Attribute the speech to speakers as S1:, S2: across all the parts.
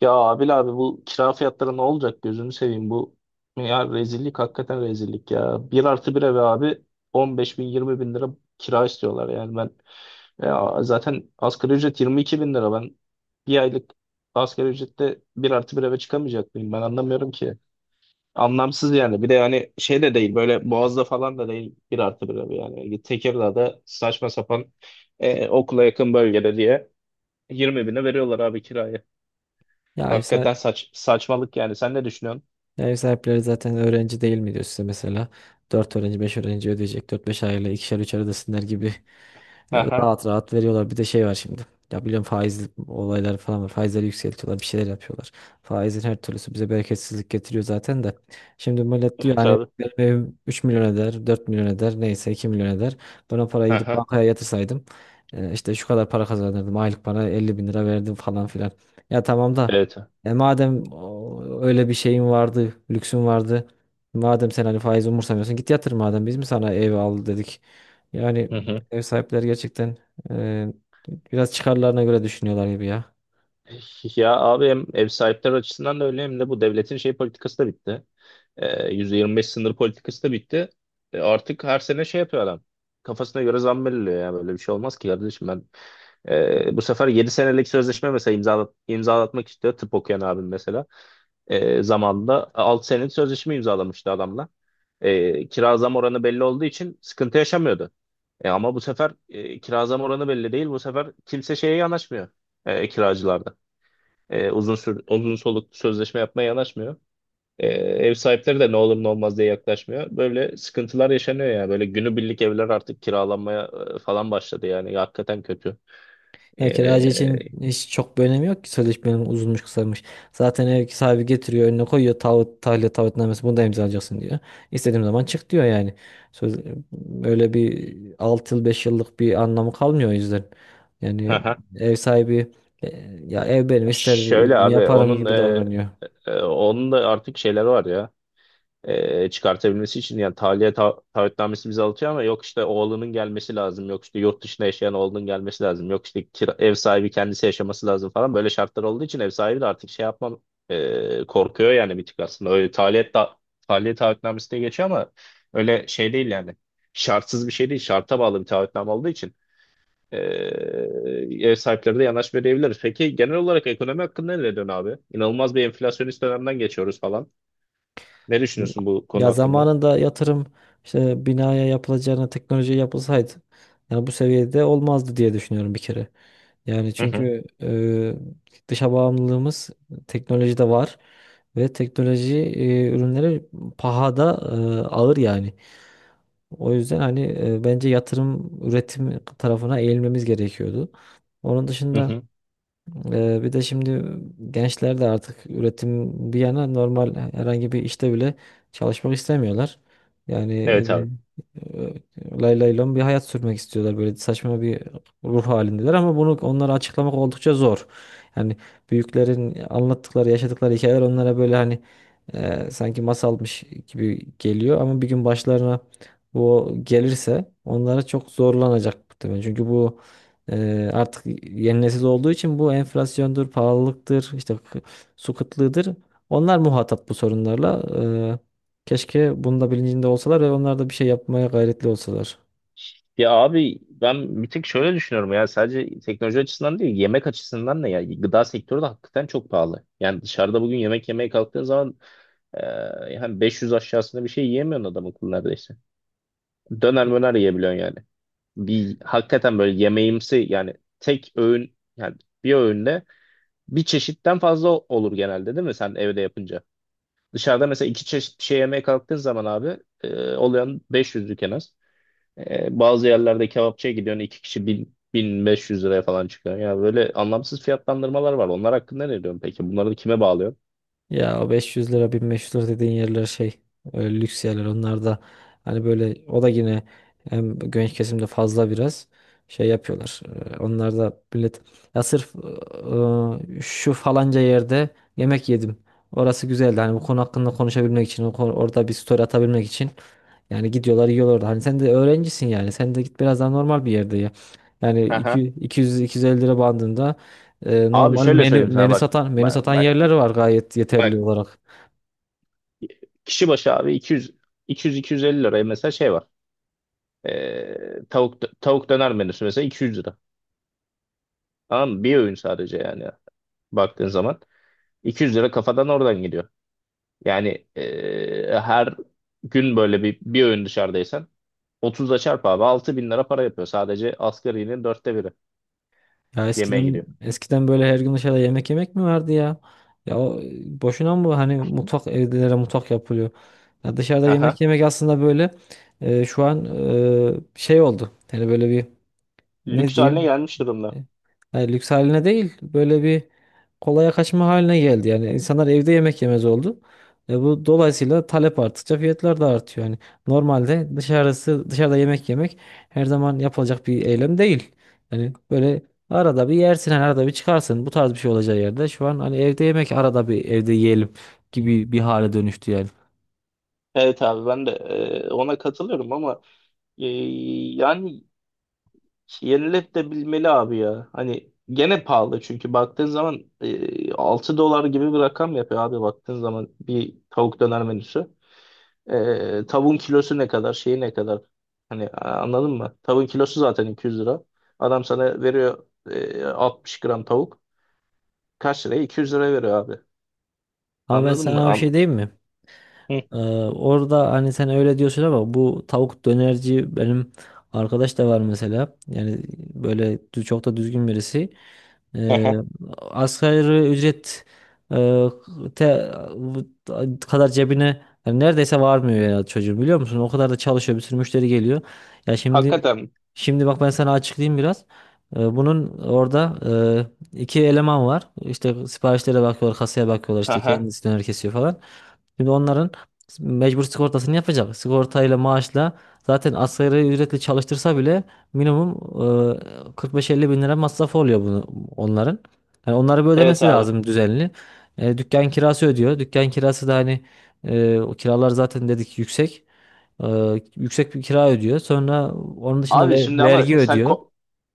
S1: Ya Abil abi, bu kira fiyatları ne olacak gözünü seveyim? Bu ya, rezillik, hakikaten rezillik ya. Bir artı bir eve abi 15 bin 20 bin lira kira istiyorlar yani. Ben, ya zaten asgari ücret 22 bin lira. Ben bir aylık asgari ücrette bir artı bir eve çıkamayacak mıyım? Ben anlamıyorum ki. Anlamsız yani. Bir de yani şey de değil, böyle Boğaz'da falan da değil, bir artı bir ev yani Tekirdağ'da saçma sapan, okula yakın bölgede diye 20 bine veriyorlar abi kirayı.
S2: Ya ev, sahi-
S1: Hakikaten saçmalık yani. Sen ne düşünüyorsun?
S2: ya ev sahipleri zaten öğrenci değil mi diyor size mesela. Dört öğrenci 5 öğrenci ödeyecek. Dört beş aile ikişer üçer ödesinler gibi
S1: Aha.
S2: rahat rahat veriyorlar. Bir de şey var şimdi. Ya biliyorum, faiz olayları falan var. Faizleri yükseltiyorlar. Bir şeyler yapıyorlar. Faizin her türlüsü bize bereketsizlik getiriyor zaten de. Şimdi millet diyor,
S1: Evet
S2: hani
S1: abi.
S2: benim evim 3 milyon eder, 4 milyon eder, neyse 2 milyon eder. Ben o parayı gidip
S1: Aha.
S2: bankaya yatırsaydım işte şu kadar para kazanırdım. Aylık bana 50 bin lira verdim falan filan. Ya tamam da,
S1: Evet.
S2: madem öyle bir şeyin vardı, lüksün vardı. Madem sen hani faiz umursamıyorsun, git yatır, madem biz mi sana ev al dedik? Yani
S1: Hı hı.
S2: ev sahipleri gerçekten e, biraz çıkarlarına göre düşünüyorlar gibi ya.
S1: Ya abi, hem ev sahipleri açısından da öyle, hem de bu devletin şey politikası da bitti. %25 sınır politikası da bitti. Artık her sene şey yapıyor adam. Kafasına göre zam belirliyor ya. Böyle bir şey olmaz ki kardeşim. Ben bu sefer 7 senelik sözleşme mesela imzalatmak istiyor, tıp okuyan abim mesela. Zamanında 6 senelik sözleşme imzalamıştı adamla. Kira zam oranı belli olduğu için sıkıntı yaşamıyordu. E ama bu sefer kira zam oranı belli değil. Bu sefer kimse şeye yanaşmıyor. Kiracılarda. Uzun soluklu sözleşme yapmaya yanaşmıyor. E, ev sahipleri de ne olur ne olmaz diye yaklaşmıyor. Böyle sıkıntılar yaşanıyor yani. Böyle günübirlik evler artık kiralanmaya falan başladı yani. Hakikaten kötü. E,
S2: Ya kiracı için hiç çok bir önemi yok ki sözleşmenin, uzunmuş kısamış. Zaten ev sahibi getiriyor, önüne koyuyor taahhüt, tahliye taahhütnamesi, bunu da imzalayacaksın diyor. İstediğim zaman çık diyor yani. Söz, Öyle bir 6 yıl, 5 yıllık bir anlamı kalmıyor o yüzden. Yani ev sahibi e, ya ev benim,
S1: Şöyle
S2: isterdim
S1: abi,
S2: yaparım
S1: onun
S2: gibi davranıyor.
S1: onun da artık şeyleri var ya. Çıkartabilmesi için yani tahliye taahhütnamesi bize alıyor, ama yok işte oğlunun gelmesi lazım, yok işte yurt dışına yaşayan oğlunun gelmesi lazım, yok işte ev sahibi kendisi yaşaması lazım falan, böyle şartlar olduğu için ev sahibi de artık şey yapmam, korkuyor yani bir tık aslında. Öyle tahliye taahhütnamesi diye geçiyor ama öyle şey değil yani, şartsız bir şey değil, şarta bağlı bir taahhütname olduğu için e, ev sahipleri de yanaş verebilir. Peki genel olarak ekonomi hakkında ne diyorsun abi? İnanılmaz bir enflasyonist dönemden geçiyoruz falan. Ne düşünüyorsun bu konu
S2: Ya
S1: hakkında?
S2: zamanında yatırım işte binaya yapılacağına teknoloji yapılsaydı, yani bu seviyede olmazdı diye düşünüyorum bir kere. Yani
S1: Hı hı,
S2: çünkü dışa bağımlılığımız teknolojide var ve teknoloji ürünleri pahada ağır yani. O yüzden hani bence yatırım üretim tarafına eğilmemiz gerekiyordu. Onun
S1: hı
S2: dışında
S1: hı.
S2: bir de şimdi gençler de artık üretim bir yana, normal herhangi bir işte bile çalışmak istemiyorlar. Yani
S1: Evet abi.
S2: lay lay lom bir hayat sürmek istiyorlar. Böyle saçma bir ruh halindeler ama bunu onlara açıklamak oldukça zor. Yani büyüklerin anlattıkları, yaşadıkları hikayeler onlara böyle hani sanki masalmış gibi geliyor ama bir gün başlarına bu gelirse onlara çok zorlanacak muhtemelen. Çünkü bu artık yeni nesil olduğu için bu enflasyondur, pahalılıktır, işte su kıtlığıdır. Onlar muhatap bu sorunlarla. Keşke bunun da bilincinde olsalar ve onlar da bir şey yapmaya gayretli olsalar.
S1: Ya abi, ben bir tek şöyle düşünüyorum ya, sadece teknoloji açısından değil, yemek açısından da. Ya, gıda sektörü de hakikaten çok pahalı. Yani dışarıda bugün yemek yemeye kalktığın zaman e, yani 500 aşağısında bir şey yiyemiyorsun adam akıllı neredeyse. Döner möner yiyebiliyorsun yani. Bir hakikaten böyle yemeğimsi yani, tek öğün yani, bir öğünde bir çeşitten fazla olur genelde değil mi sen evde yapınca? Dışarıda mesela iki çeşit bir şey yemeye kalktığın zaman abi oluyor 500'lük en az. Bazı yerlerde kebapçıya gidiyorsun, iki kişi bin, 1.500 liraya falan çıkıyor. Ya böyle anlamsız fiyatlandırmalar var. Onlar hakkında ne diyorsun peki? Bunları da kime bağlıyorsun?
S2: Ya o 500 lira 1500 lira dediğin yerler şey, öyle lüks yerler onlar da. Hani böyle o da yine hem genç kesimde fazla biraz şey yapıyorlar. Onlar da millet ya sırf şu falanca yerde yemek yedim, orası güzeldi, hani bu konu hakkında konuşabilmek için, orada bir story atabilmek için yani gidiyorlar yiyorlar orada. Hani sen de öğrencisin yani. Sen de git biraz daha normal bir yerde ya. Yani
S1: Aha.
S2: 200 250 lira bandında
S1: Abi
S2: normal
S1: şöyle
S2: menü
S1: söyleyeyim sana,
S2: menü
S1: bak.
S2: satan menü
S1: Bak,
S2: satan
S1: bak,
S2: yerler var, gayet yeterli
S1: bak.
S2: olarak.
S1: Kişi başı abi 200 200 250 liraya mesela şey var. Tavuk döner menüsü mesela 200 lira. Tamam mı? Bir öğün sadece yani. Baktığın zaman 200 lira kafadan oradan gidiyor. Yani her gün böyle bir öğün dışarıdaysan 30'la çarp abi. 6.000 lira para yapıyor. Sadece asgarinin dörtte biri
S2: Ya
S1: yemeğe
S2: eskiden
S1: gidiyor.
S2: eskiden böyle her gün dışarıda yemek yemek mi vardı ya? Ya o, boşuna mı hani mutfak, evlere mutfak yapılıyor? Ya dışarıda yemek
S1: Aha.
S2: yemek aslında böyle şu an şey oldu. Hani böyle bir, ne
S1: Lüks haline
S2: diyeyim?
S1: gelmiş durumda.
S2: Yani lüks haline değil, böyle bir kolaya kaçma haline geldi. Yani insanlar evde yemek yemez oldu. E, bu dolayısıyla talep arttıkça fiyatlar da artıyor. Yani normalde dışarıda yemek yemek her zaman yapılacak bir eylem değil. Yani böyle arada bir yersin, hani arada bir çıkarsın. Bu tarz bir şey olacağı yerde şu an hani evde yemek, arada bir evde yiyelim gibi bir hale dönüştü yani.
S1: Evet abi, ben de ona katılıyorum, ama e, yani yenilebilmeli abi ya. Hani gene pahalı, çünkü baktığın zaman 6 dolar gibi bir rakam yapıyor abi baktığın zaman bir tavuk döner menüsü. Tavuğun kilosu ne kadar, şeyi ne kadar, hani anladın mı? Tavuğun kilosu zaten 200 lira. Adam sana veriyor 60 gram tavuk. Kaç liraya? 200 lira veriyor abi.
S2: Ama ben
S1: Anladın mı?
S2: sana bir şey diyeyim mi?
S1: Hı,
S2: Ee, Orada hani sen öyle diyorsun ama bu tavuk dönerci benim arkadaş da var mesela. Yani böyle çok da düzgün birisi. Ee,
S1: aha.
S2: Asgari ücret e, te- kadar cebine yani neredeyse varmıyor ya çocuğun, biliyor musun? O kadar da çalışıyor, bir sürü müşteri geliyor. Ya şimdi,
S1: Hakikaten mi?
S2: bak, ben sana açıklayayım biraz. Bunun orada iki eleman var. İşte siparişlere bakıyorlar, kasaya bakıyorlar, işte
S1: Aha.
S2: kendisi döner kesiyor falan. Şimdi onların mecbur sigortasını yapacak. Sigortayla, maaşla zaten asgari ücretle çalıştırsa bile minimum 45-50 bin lira masrafı oluyor bunu, onların. Yani onları bir
S1: Evet
S2: ödemesi
S1: abi.
S2: lazım düzenli. E, dükkan kirası ödüyor. Dükkan kirası da hani o kiralar zaten dedik, yüksek. E, yüksek bir kira ödüyor. Sonra onun dışında
S1: Abi şimdi ama
S2: vergi
S1: sen
S2: ödüyor.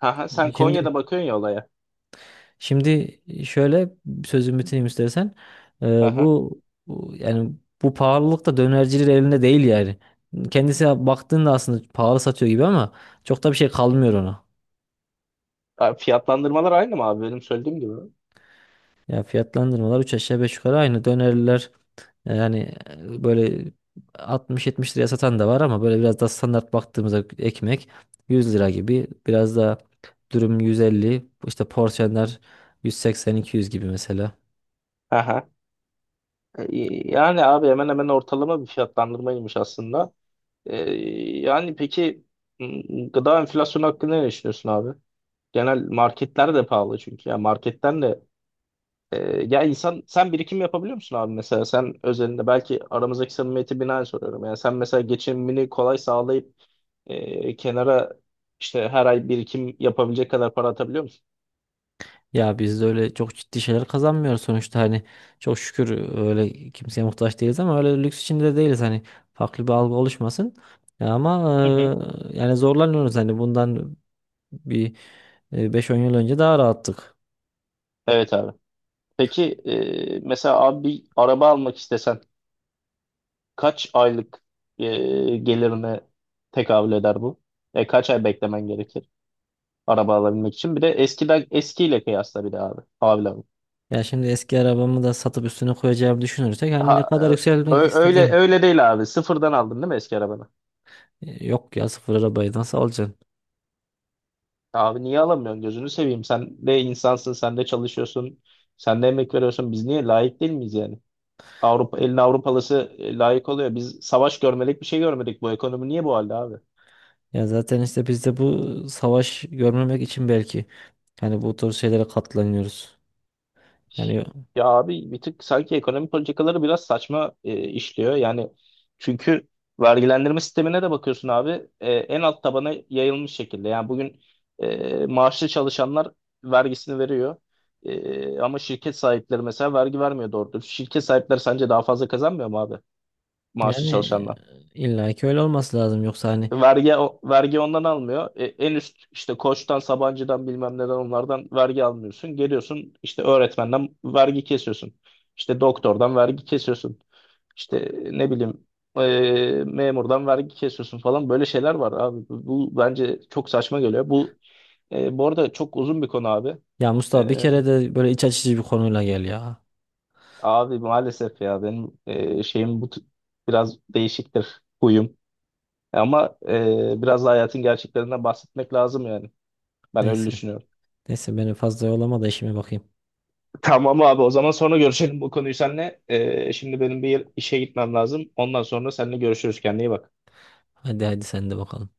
S1: Aha.
S2: E,
S1: Sen
S2: Şimdi
S1: Konya'da bakıyorsun ya olaya.
S2: şimdi Şöyle sözümü bitireyim istersen. E,
S1: Aha.
S2: bu Yani bu pahalılık da dönercilerin elinde değil yani. Kendisi baktığında aslında pahalı satıyor gibi ama çok da bir şey kalmıyor ona.
S1: Abi fiyatlandırmalar aynı mı abi, benim söylediğim gibi?
S2: Ya fiyatlandırmalar 3 aşağı 5 yukarı aynı. Dönerler yani böyle 60 70 liraya satan da var ama böyle biraz daha standart baktığımızda ekmek 100 lira gibi. Biraz daha dürüm 150, işte porsiyonlar 180, 200 gibi mesela.
S1: Aha. E. Yani abi hemen hemen ortalama bir fiyatlandırmaymış aslında. E, yani peki gıda enflasyonu hakkında ne düşünüyorsun abi? Genel marketler de pahalı çünkü. Yani marketten de ya, insan, sen birikim yapabiliyor musun abi mesela? Sen özelinde belki, aramızdaki samimiyeti binaen soruyorum. Yani sen mesela geçimini kolay sağlayıp kenara, işte her ay birikim yapabilecek kadar para atabiliyor musun?
S2: Ya biz de öyle çok ciddi şeyler kazanmıyoruz sonuçta hani, çok şükür öyle kimseye muhtaç değiliz ama öyle lüks içinde de değiliz, hani farklı bir algı oluşmasın. Ya ama
S1: Hı hı.
S2: yani zorlanıyoruz hani, bundan bir 5-10 yıl önce daha rahattık.
S1: Evet abi. Peki mesela abi bir araba almak istesen kaç aylık e, gelirine tekabül eder bu? Kaç ay beklemen gerekir araba alabilmek için? Bir de eskiden, eskiyle kıyasla bir de abi. Abi, abi.
S2: Ya şimdi eski arabamı da satıp üstüne koyacağımı düşünürsek hani ne
S1: Ha,
S2: kadar
S1: ö-
S2: yükselmek
S1: ö- öyle
S2: istediğim...
S1: öyle değil abi. Sıfırdan aldın değil mi eski arabanı?
S2: Yok ya, sıfır arabayı nasıl alacaksın?
S1: Abi, niye alamıyorsun? Gözünü seveyim. Sen de insansın, sen de çalışıyorsun, sen de emek veriyorsun. Biz niye layık değil miyiz yani? Avrupa, elin Avrupalısı layık oluyor. Biz savaş görmedik, bir şey görmedik. Bu ekonomi niye bu halde abi?
S2: Ya zaten işte biz de bu savaş görmemek için belki, yani bu tür şeylere katlanıyoruz. Yani
S1: Ya abi, bir tık sanki ekonomi politikaları biraz saçma işliyor. Yani çünkü vergilendirme sistemine de bakıyorsun abi, en alt tabana yayılmış şekilde. Yani bugün maaşlı çalışanlar vergisini veriyor. E, ama şirket sahipleri mesela vergi vermiyor doğru dürüst. Şirket sahipleri sence daha fazla kazanmıyor mu abi maaşlı
S2: yani
S1: çalışanlar?
S2: illa ki öyle olması lazım, yoksa hani...
S1: Vergi vergi ondan almıyor. E, en üst, işte Koç'tan, Sabancı'dan, bilmem neden onlardan vergi almıyorsun. Geliyorsun işte öğretmenden vergi kesiyorsun. İşte doktordan vergi kesiyorsun. İşte ne bileyim, e, memurdan vergi kesiyorsun falan. Böyle şeyler var abi. Bu bence çok saçma geliyor. Bu bu arada çok uzun bir konu abi.
S2: Ya Mustafa, bir
S1: E,
S2: kere de böyle iç açıcı bir konuyla gel ya.
S1: abi, maalesef ya, benim şeyim bu. Biraz değişiktir huyum. Ama biraz da hayatın gerçeklerinden bahsetmek lazım yani. Ben öyle
S2: Neyse.
S1: düşünüyorum.
S2: Neyse, beni fazla yolama da işime bakayım.
S1: Tamam abi, o zaman sonra görüşelim bu konuyu seninle. Şimdi benim bir işe gitmem lazım. Ondan sonra seninle görüşürüz. Kendine iyi bak.
S2: Hadi hadi, sen de bakalım.